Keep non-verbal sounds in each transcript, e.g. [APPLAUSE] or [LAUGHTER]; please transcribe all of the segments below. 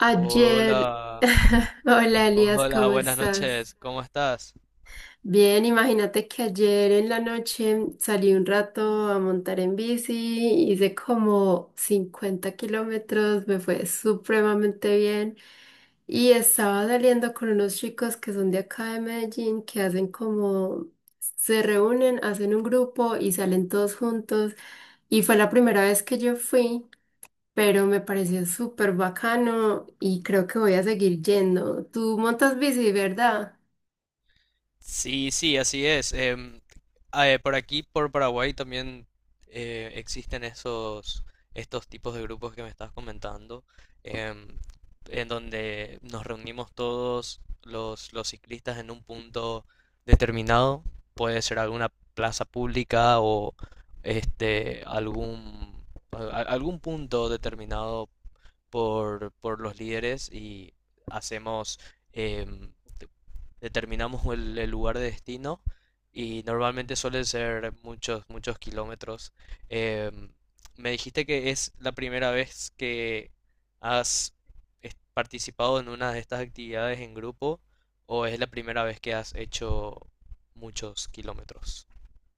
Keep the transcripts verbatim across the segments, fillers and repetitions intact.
Ayer, Hola, [LAUGHS] hola Elias, hola, ¿cómo buenas estás? noches, ¿cómo estás? Bien, imagínate que ayer en la noche salí un rato a montar en bici, hice como cincuenta kilómetros, me fue supremamente bien y estaba saliendo con unos chicos que son de acá de Medellín, que hacen como, se reúnen, hacen un grupo y salen todos juntos y fue la primera vez que yo fui, pero me pareció súper bacano y creo que voy a seguir yendo. Tú montas bici, ¿verdad? Sí, sí, así es. Em, ah, eh, por aquí, por Paraguay, también eh, existen esos, estos tipos de grupos que me estás comentando, em, en donde nos reunimos todos los, los ciclistas en un punto determinado. Puede ser alguna plaza pública o este, algún, a- a- algún punto determinado por, por los líderes y hacemos, em, determinamos el, el lugar de destino, y normalmente suelen ser muchos, muchos kilómetros. Em, Me dijiste que es la primera vez que has es- participado en una de estas actividades en grupo, o es la primera vez que has hecho muchos kilómetros.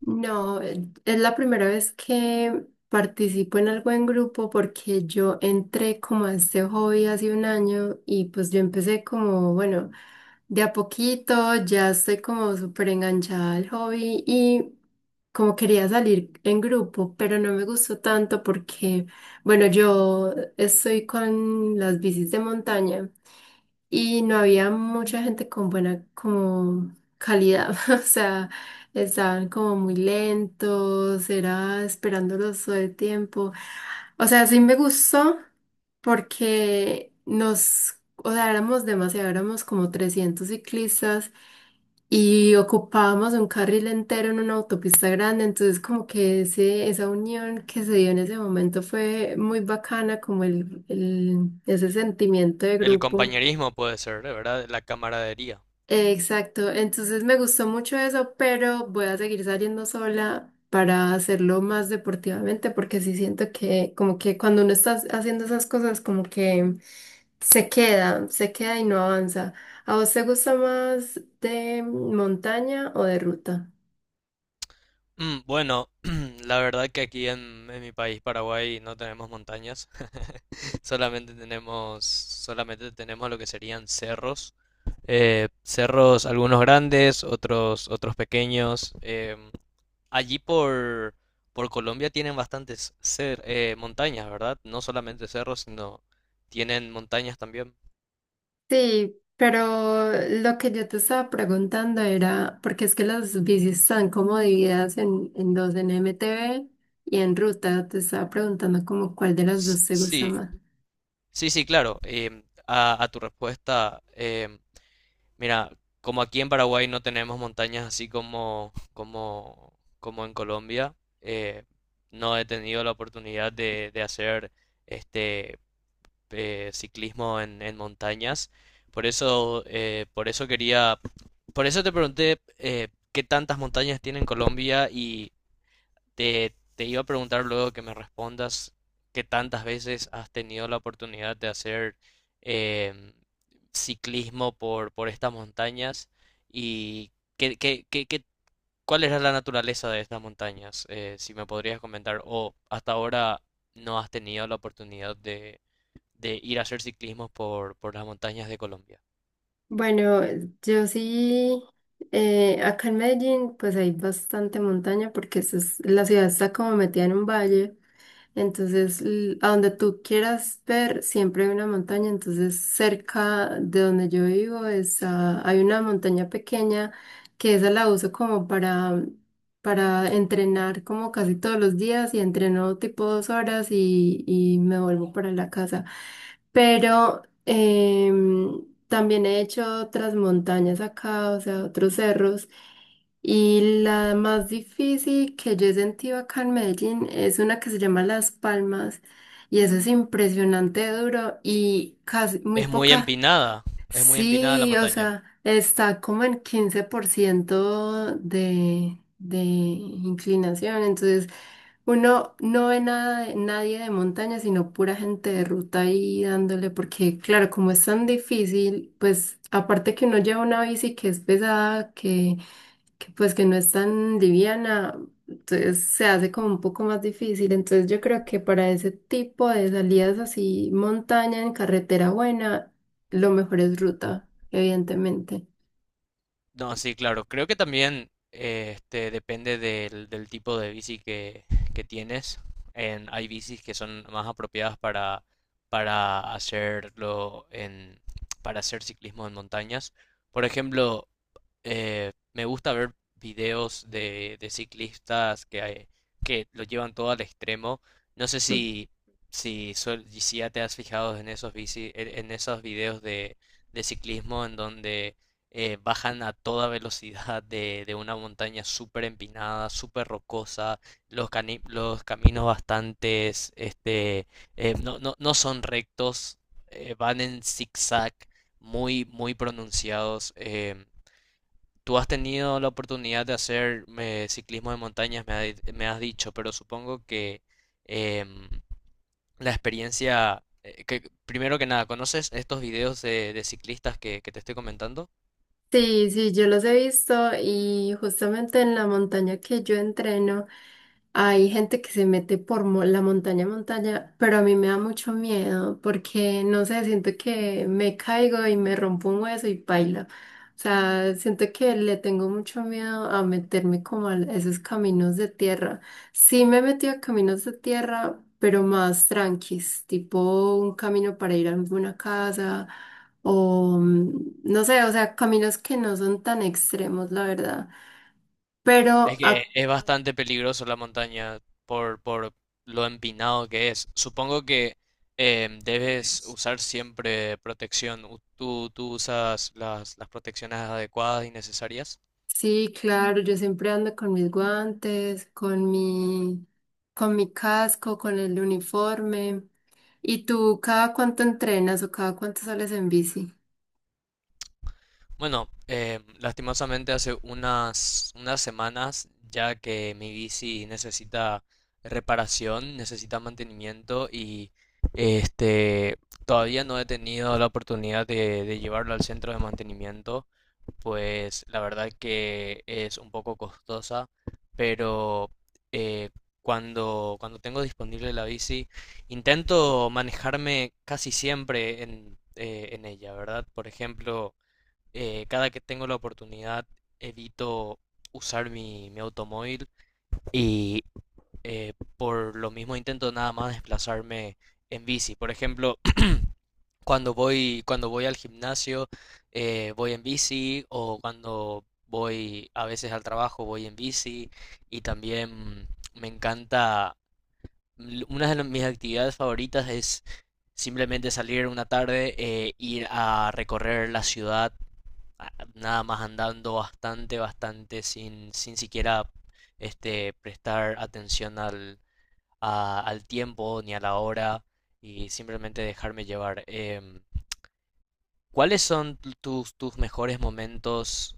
No, eh, es la primera vez que participo en algo en grupo, porque yo entré como a este hobby hace un año y pues yo empecé como, bueno, de a poquito, ya estoy como súper enganchada al hobby y como quería salir en grupo, pero no me gustó tanto porque, bueno, yo estoy con las bicis de montaña. Y no había mucha gente con buena como calidad, [LAUGHS] o sea, estaban como muy lentos, era esperándolos todo el tiempo. O sea, sí me gustó porque nos, o sea, éramos demasiado, éramos como trescientos ciclistas y ocupábamos un carril entero en una autopista grande, entonces como que ese, esa unión que se dio en ese momento fue muy bacana, como el, el- ese sentimiento de El grupo. compañerismo puede ser, de ¿verdad? La camaradería. Exacto, entonces me gustó mucho eso, pero voy a seguir saliendo sola para hacerlo más deportivamente, porque sí siento que como que cuando uno está haciendo esas cosas como que se queda, se queda y no avanza. ¿A vos te gusta más de montaña o de ruta? Mm, bueno, [CLEARS THROAT] la verdad que aquí en, en mi país, Paraguay, no tenemos montañas, [LAUGHS] solamente tenemos, solamente tenemos lo que serían cerros. Eh, cerros, algunos grandes, otros, otros pequeños. Em, allí por, por Colombia tienen bastantes cer- eh, montañas, ¿verdad? No solamente cerros, sino tienen montañas también. Sí, pero lo que yo te estaba preguntando era, porque es que las bicis están como divididas en, en dos, en M T B y en ruta, te estaba preguntando como cuál de las S- dos te gusta Sí, más. sí, sí, claro. Em, a, a tu respuesta, em, mira, como aquí en Paraguay no tenemos montañas así como, como, como en Colombia, eh, no he tenido la oportunidad de, de hacer este eh, ciclismo en, en montañas. Por eso, eh, por eso quería, por eso te pregunté, eh, qué tantas montañas tiene en Colombia. Te, te iba a preguntar luego que me respondas qué tantas veces has tenido la oportunidad de hacer, em, ciclismo por, por estas montañas, y qué, qué, qué- qué- cuál era la naturaleza de estas montañas. Eh, si me podrías comentar, o hasta ahora no has tenido la oportunidad de, de ir a hacer ciclismo por, por las montañas de Colombia. Bueno, yo sí, eh, acá en Medellín pues hay bastante montaña porque eso es- la ciudad está como metida en un valle. Entonces, l- a donde tú quieras ver, siempre hay una montaña. Entonces, cerca de donde yo vivo es, ah, hay una montaña pequeña que esa la uso como para, para entrenar como casi todos los días y entreno tipo dos horas y, y me vuelvo para la casa. Pero em, también he hecho otras montañas acá, o sea, otros cerros. Y la más difícil que yo he sentido acá en Medellín es una que se llama Las Palmas y eso es impresionante duro y casi muy Es muy poca. empinada, es muy empinada la, sí, Sí, o montaña. sea, está como en quince por ciento de, de inclinación, entonces uno no ve nada, de- nadie de montaña, sino pura gente de ruta ahí dándole, porque claro, como es tan difícil, pues aparte que uno lleva una bici que es pesada, que que pues que no es tan liviana, entonces se hace como un poco más difícil. Entonces yo creo que para ese tipo de salidas así, montaña en carretera buena, lo mejor es ruta, evidentemente. No, sí, claro. Creo que también eh, este, depende del, del tipo de bici que, que tienes. En, hay bicis que son más apropiadas para, para hacerlo en, para hacer ciclismo en montañas. Por ejemplo, eh, me gusta ver videos de, de ciclistas que, hay- que lo llevan todo al extremo. No sé si, si, suel- si ya te has fijado en esos, bici- en en esos videos de, de ciclismo en donde eh, bajan a toda velocidad de, de una montaña súper empinada, súper rocosa. Los, cani- los caminos bastantes, este, eh, no, no, no son rectos, eh, van en zigzag muy, muy pronunciados. em, Tú has tenido la oportunidad de hacer, eh, ciclismo de montañas, me, ha di- me has dicho, pero supongo que, em, la experiencia, eh, que primero que nada, ¿conoces estos videos de, de ciclistas que, que te estoy comentando? Sí, sí, yo los he visto y justamente en la montaña que yo entreno hay gente que se mete por mo- la montaña a montaña, pero a mí me da mucho miedo porque no sé, siento que me caigo y me rompo un hueso y paila. O sea, siento que le tengo mucho miedo a meterme como a esos caminos de tierra. Sí me he metido a caminos de tierra, pero más tranquis, tipo un camino para ir a alguna casa o mm, no sé, o sea, caminos que no son tan extremos, la verdad. Pero Es que ah, es bastante peligroso la montaña por, por lo empinado que es. Supongo que, em, debes usar siempre protección. U- ¿Tú, tú usas las, las protecciones adecuadas y necesarias? sí, claro, yo siempre ando con mis guantes, con mi, con mi casco, con el uniforme. ¿Y tú cada cuánto entrenas o cada cuánto sales en bici? Bueno, eh, lastimosamente hace unas, unas semanas, ya que mi bici necesita reparación, necesita mantenimiento y este, todavía no he tenido la oportunidad de, de llevarlo al centro de mantenimiento, pues la verdad que es un poco costosa. Pero eh, cuando, cuando tengo disponible la bici, intento manejarme casi siempre en, eh, en ella, ¿verdad? Por ejemplo, eh, cada que tengo la oportunidad evito usar mi, mi automóvil, y eh, por lo mismo intento nada más desplazarme en bici. Por ejemplo, [CLEARS THROAT] cuando voy, cuando voy al gimnasio, eh, voy en bici, o cuando voy a veces al trabajo voy en bici. Y también me encanta, l- una de las- mis actividades favoritas es simplemente salir una tarde, eh, ir a recorrer la ciudad a- nada más andando bastante, bastante, sin, sin siquiera este, prestar atención al, a- al tiempo ni a la hora, y simplemente dejarme llevar. Em, ¿cuáles son tu- tus, tus mejores momentos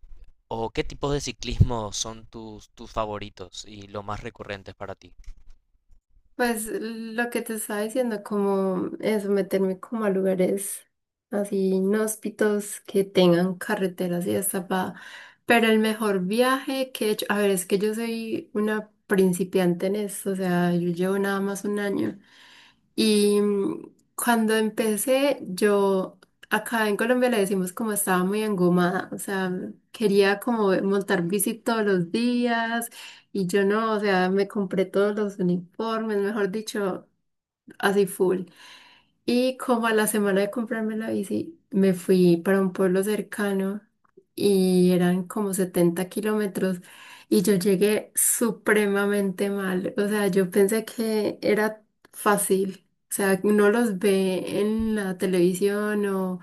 o qué tipos de ciclismo son tus, tus favoritos y los más recurrentes para ti? Pues lo que te estaba diciendo, como eso, meterme como a lugares así inhóspitos que tengan carreteras y hasta pa. Pero el mejor viaje que he hecho, a ver, es que yo soy una principiante en esto, o sea, yo llevo nada más un año. Y mm, cuando empecé, yo acá en Colombia le decimos como estaba muy engomada, o sea, quería como montar bici todos los días y yo no, o sea, me compré todos los uniformes, mejor dicho, así full. Y como a la semana de comprarme la bici, me fui para un pueblo cercano y eran como setenta kilómetros y yo llegué supremamente mal. O sea, yo pensé que era fácil. O sea, uno los ve en la televisión o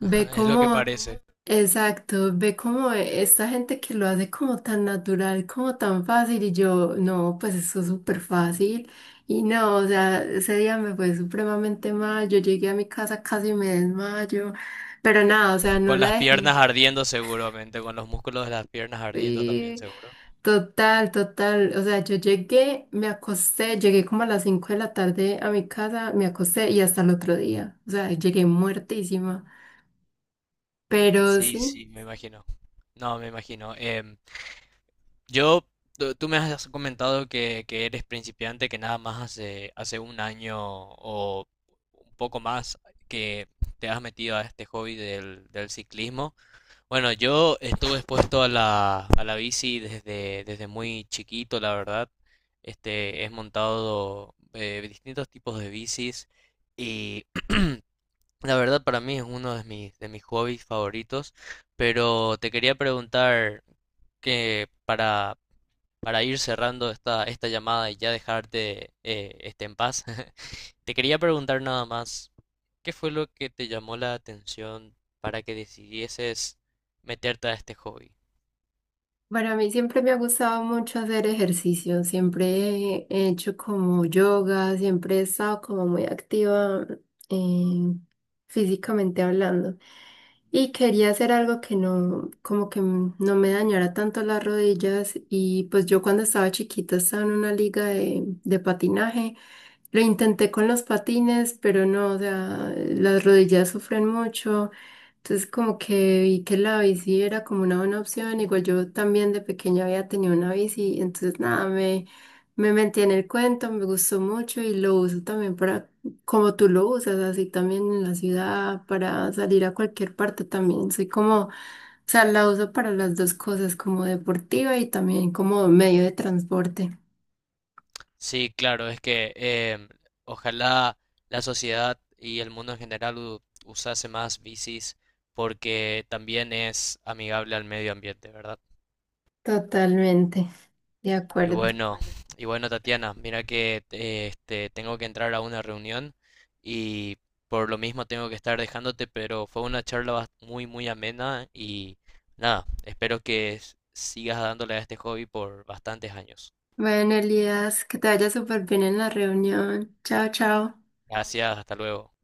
ve [LAUGHS] Es lo que como, parece. exacto, ve como esta gente que lo hace como tan natural, como tan fácil y yo, no, pues eso es súper fácil. Y no, o sea, ese día me fue supremamente mal, yo llegué a mi casa, casi me desmayo, pero nada, o sea, no Con la las dejé. piernas ardiendo seguramente, con los músculos de las piernas ardiendo también Sí, seguro. total, total, o sea, yo llegué, me acosté, llegué como a las cinco de la tarde a mi casa, me acosté y hasta el otro día, o sea, llegué muertísima, pero Sí, sí. sí, me imagino. No, me imagino. Yo, tú tú me has comentado que, que eres principiante, que nada más hace, hace un año o un poco más que te has metido a este hobby del, del ciclismo. Bueno, yo estuve expuesto a la, a la bici desde, desde muy chiquito, la verdad. Este, he montado eh, distintos tipos de bicis, y [CLEARS THROAT] la verdad para mí es uno de mis, de mis hobbies favoritos. Pero te quería preguntar que para para ir cerrando esta, esta llamada y ya dejarte eh, este, en paz, [LAUGHS] te quería preguntar nada más, ¿qué fue lo que te llamó la atención para que decidieses meterte a este hobby? Para mí siempre me ha gustado mucho hacer ejercicio, siempre he hecho como yoga, siempre he estado como muy activa eh, físicamente hablando. Y quería hacer algo que no, como que m- no me dañara tanto las rodillas. Y pues yo cuando estaba chiquita estaba en una liga de, de patinaje. Lo intenté con los patines, pero no, o sea, las rodillas sufren mucho. Entonces como que vi que la bici era como una buena opción, igual yo también de pequeña había tenido una bici, entonces nada, me, me metí en el cuento, me gustó mucho y lo uso también para, como tú lo usas, así también en la ciudad, para salir a cualquier parte también, soy como, o sea, la uso para las dos cosas, como deportiva y también como medio de transporte. Sí, claro, es que, em, ojalá la sociedad y el mundo en general u- usase más bicis, porque también es amigable al medio ambiente, ¿verdad? Totalmente, de Y acuerdo. bueno, y bueno, Tatiana, mira que eh, este, tengo que entrar a una reunión, y por lo mismo tengo que estar dejándote, pero fue una charla bas- muy, muy amena, y nada, espero que s- sigas dándole a este hobby por bastantes años. Bueno, Elías, que te vaya súper bien en la reunión. Chao, chao. Gracias, hasta luego.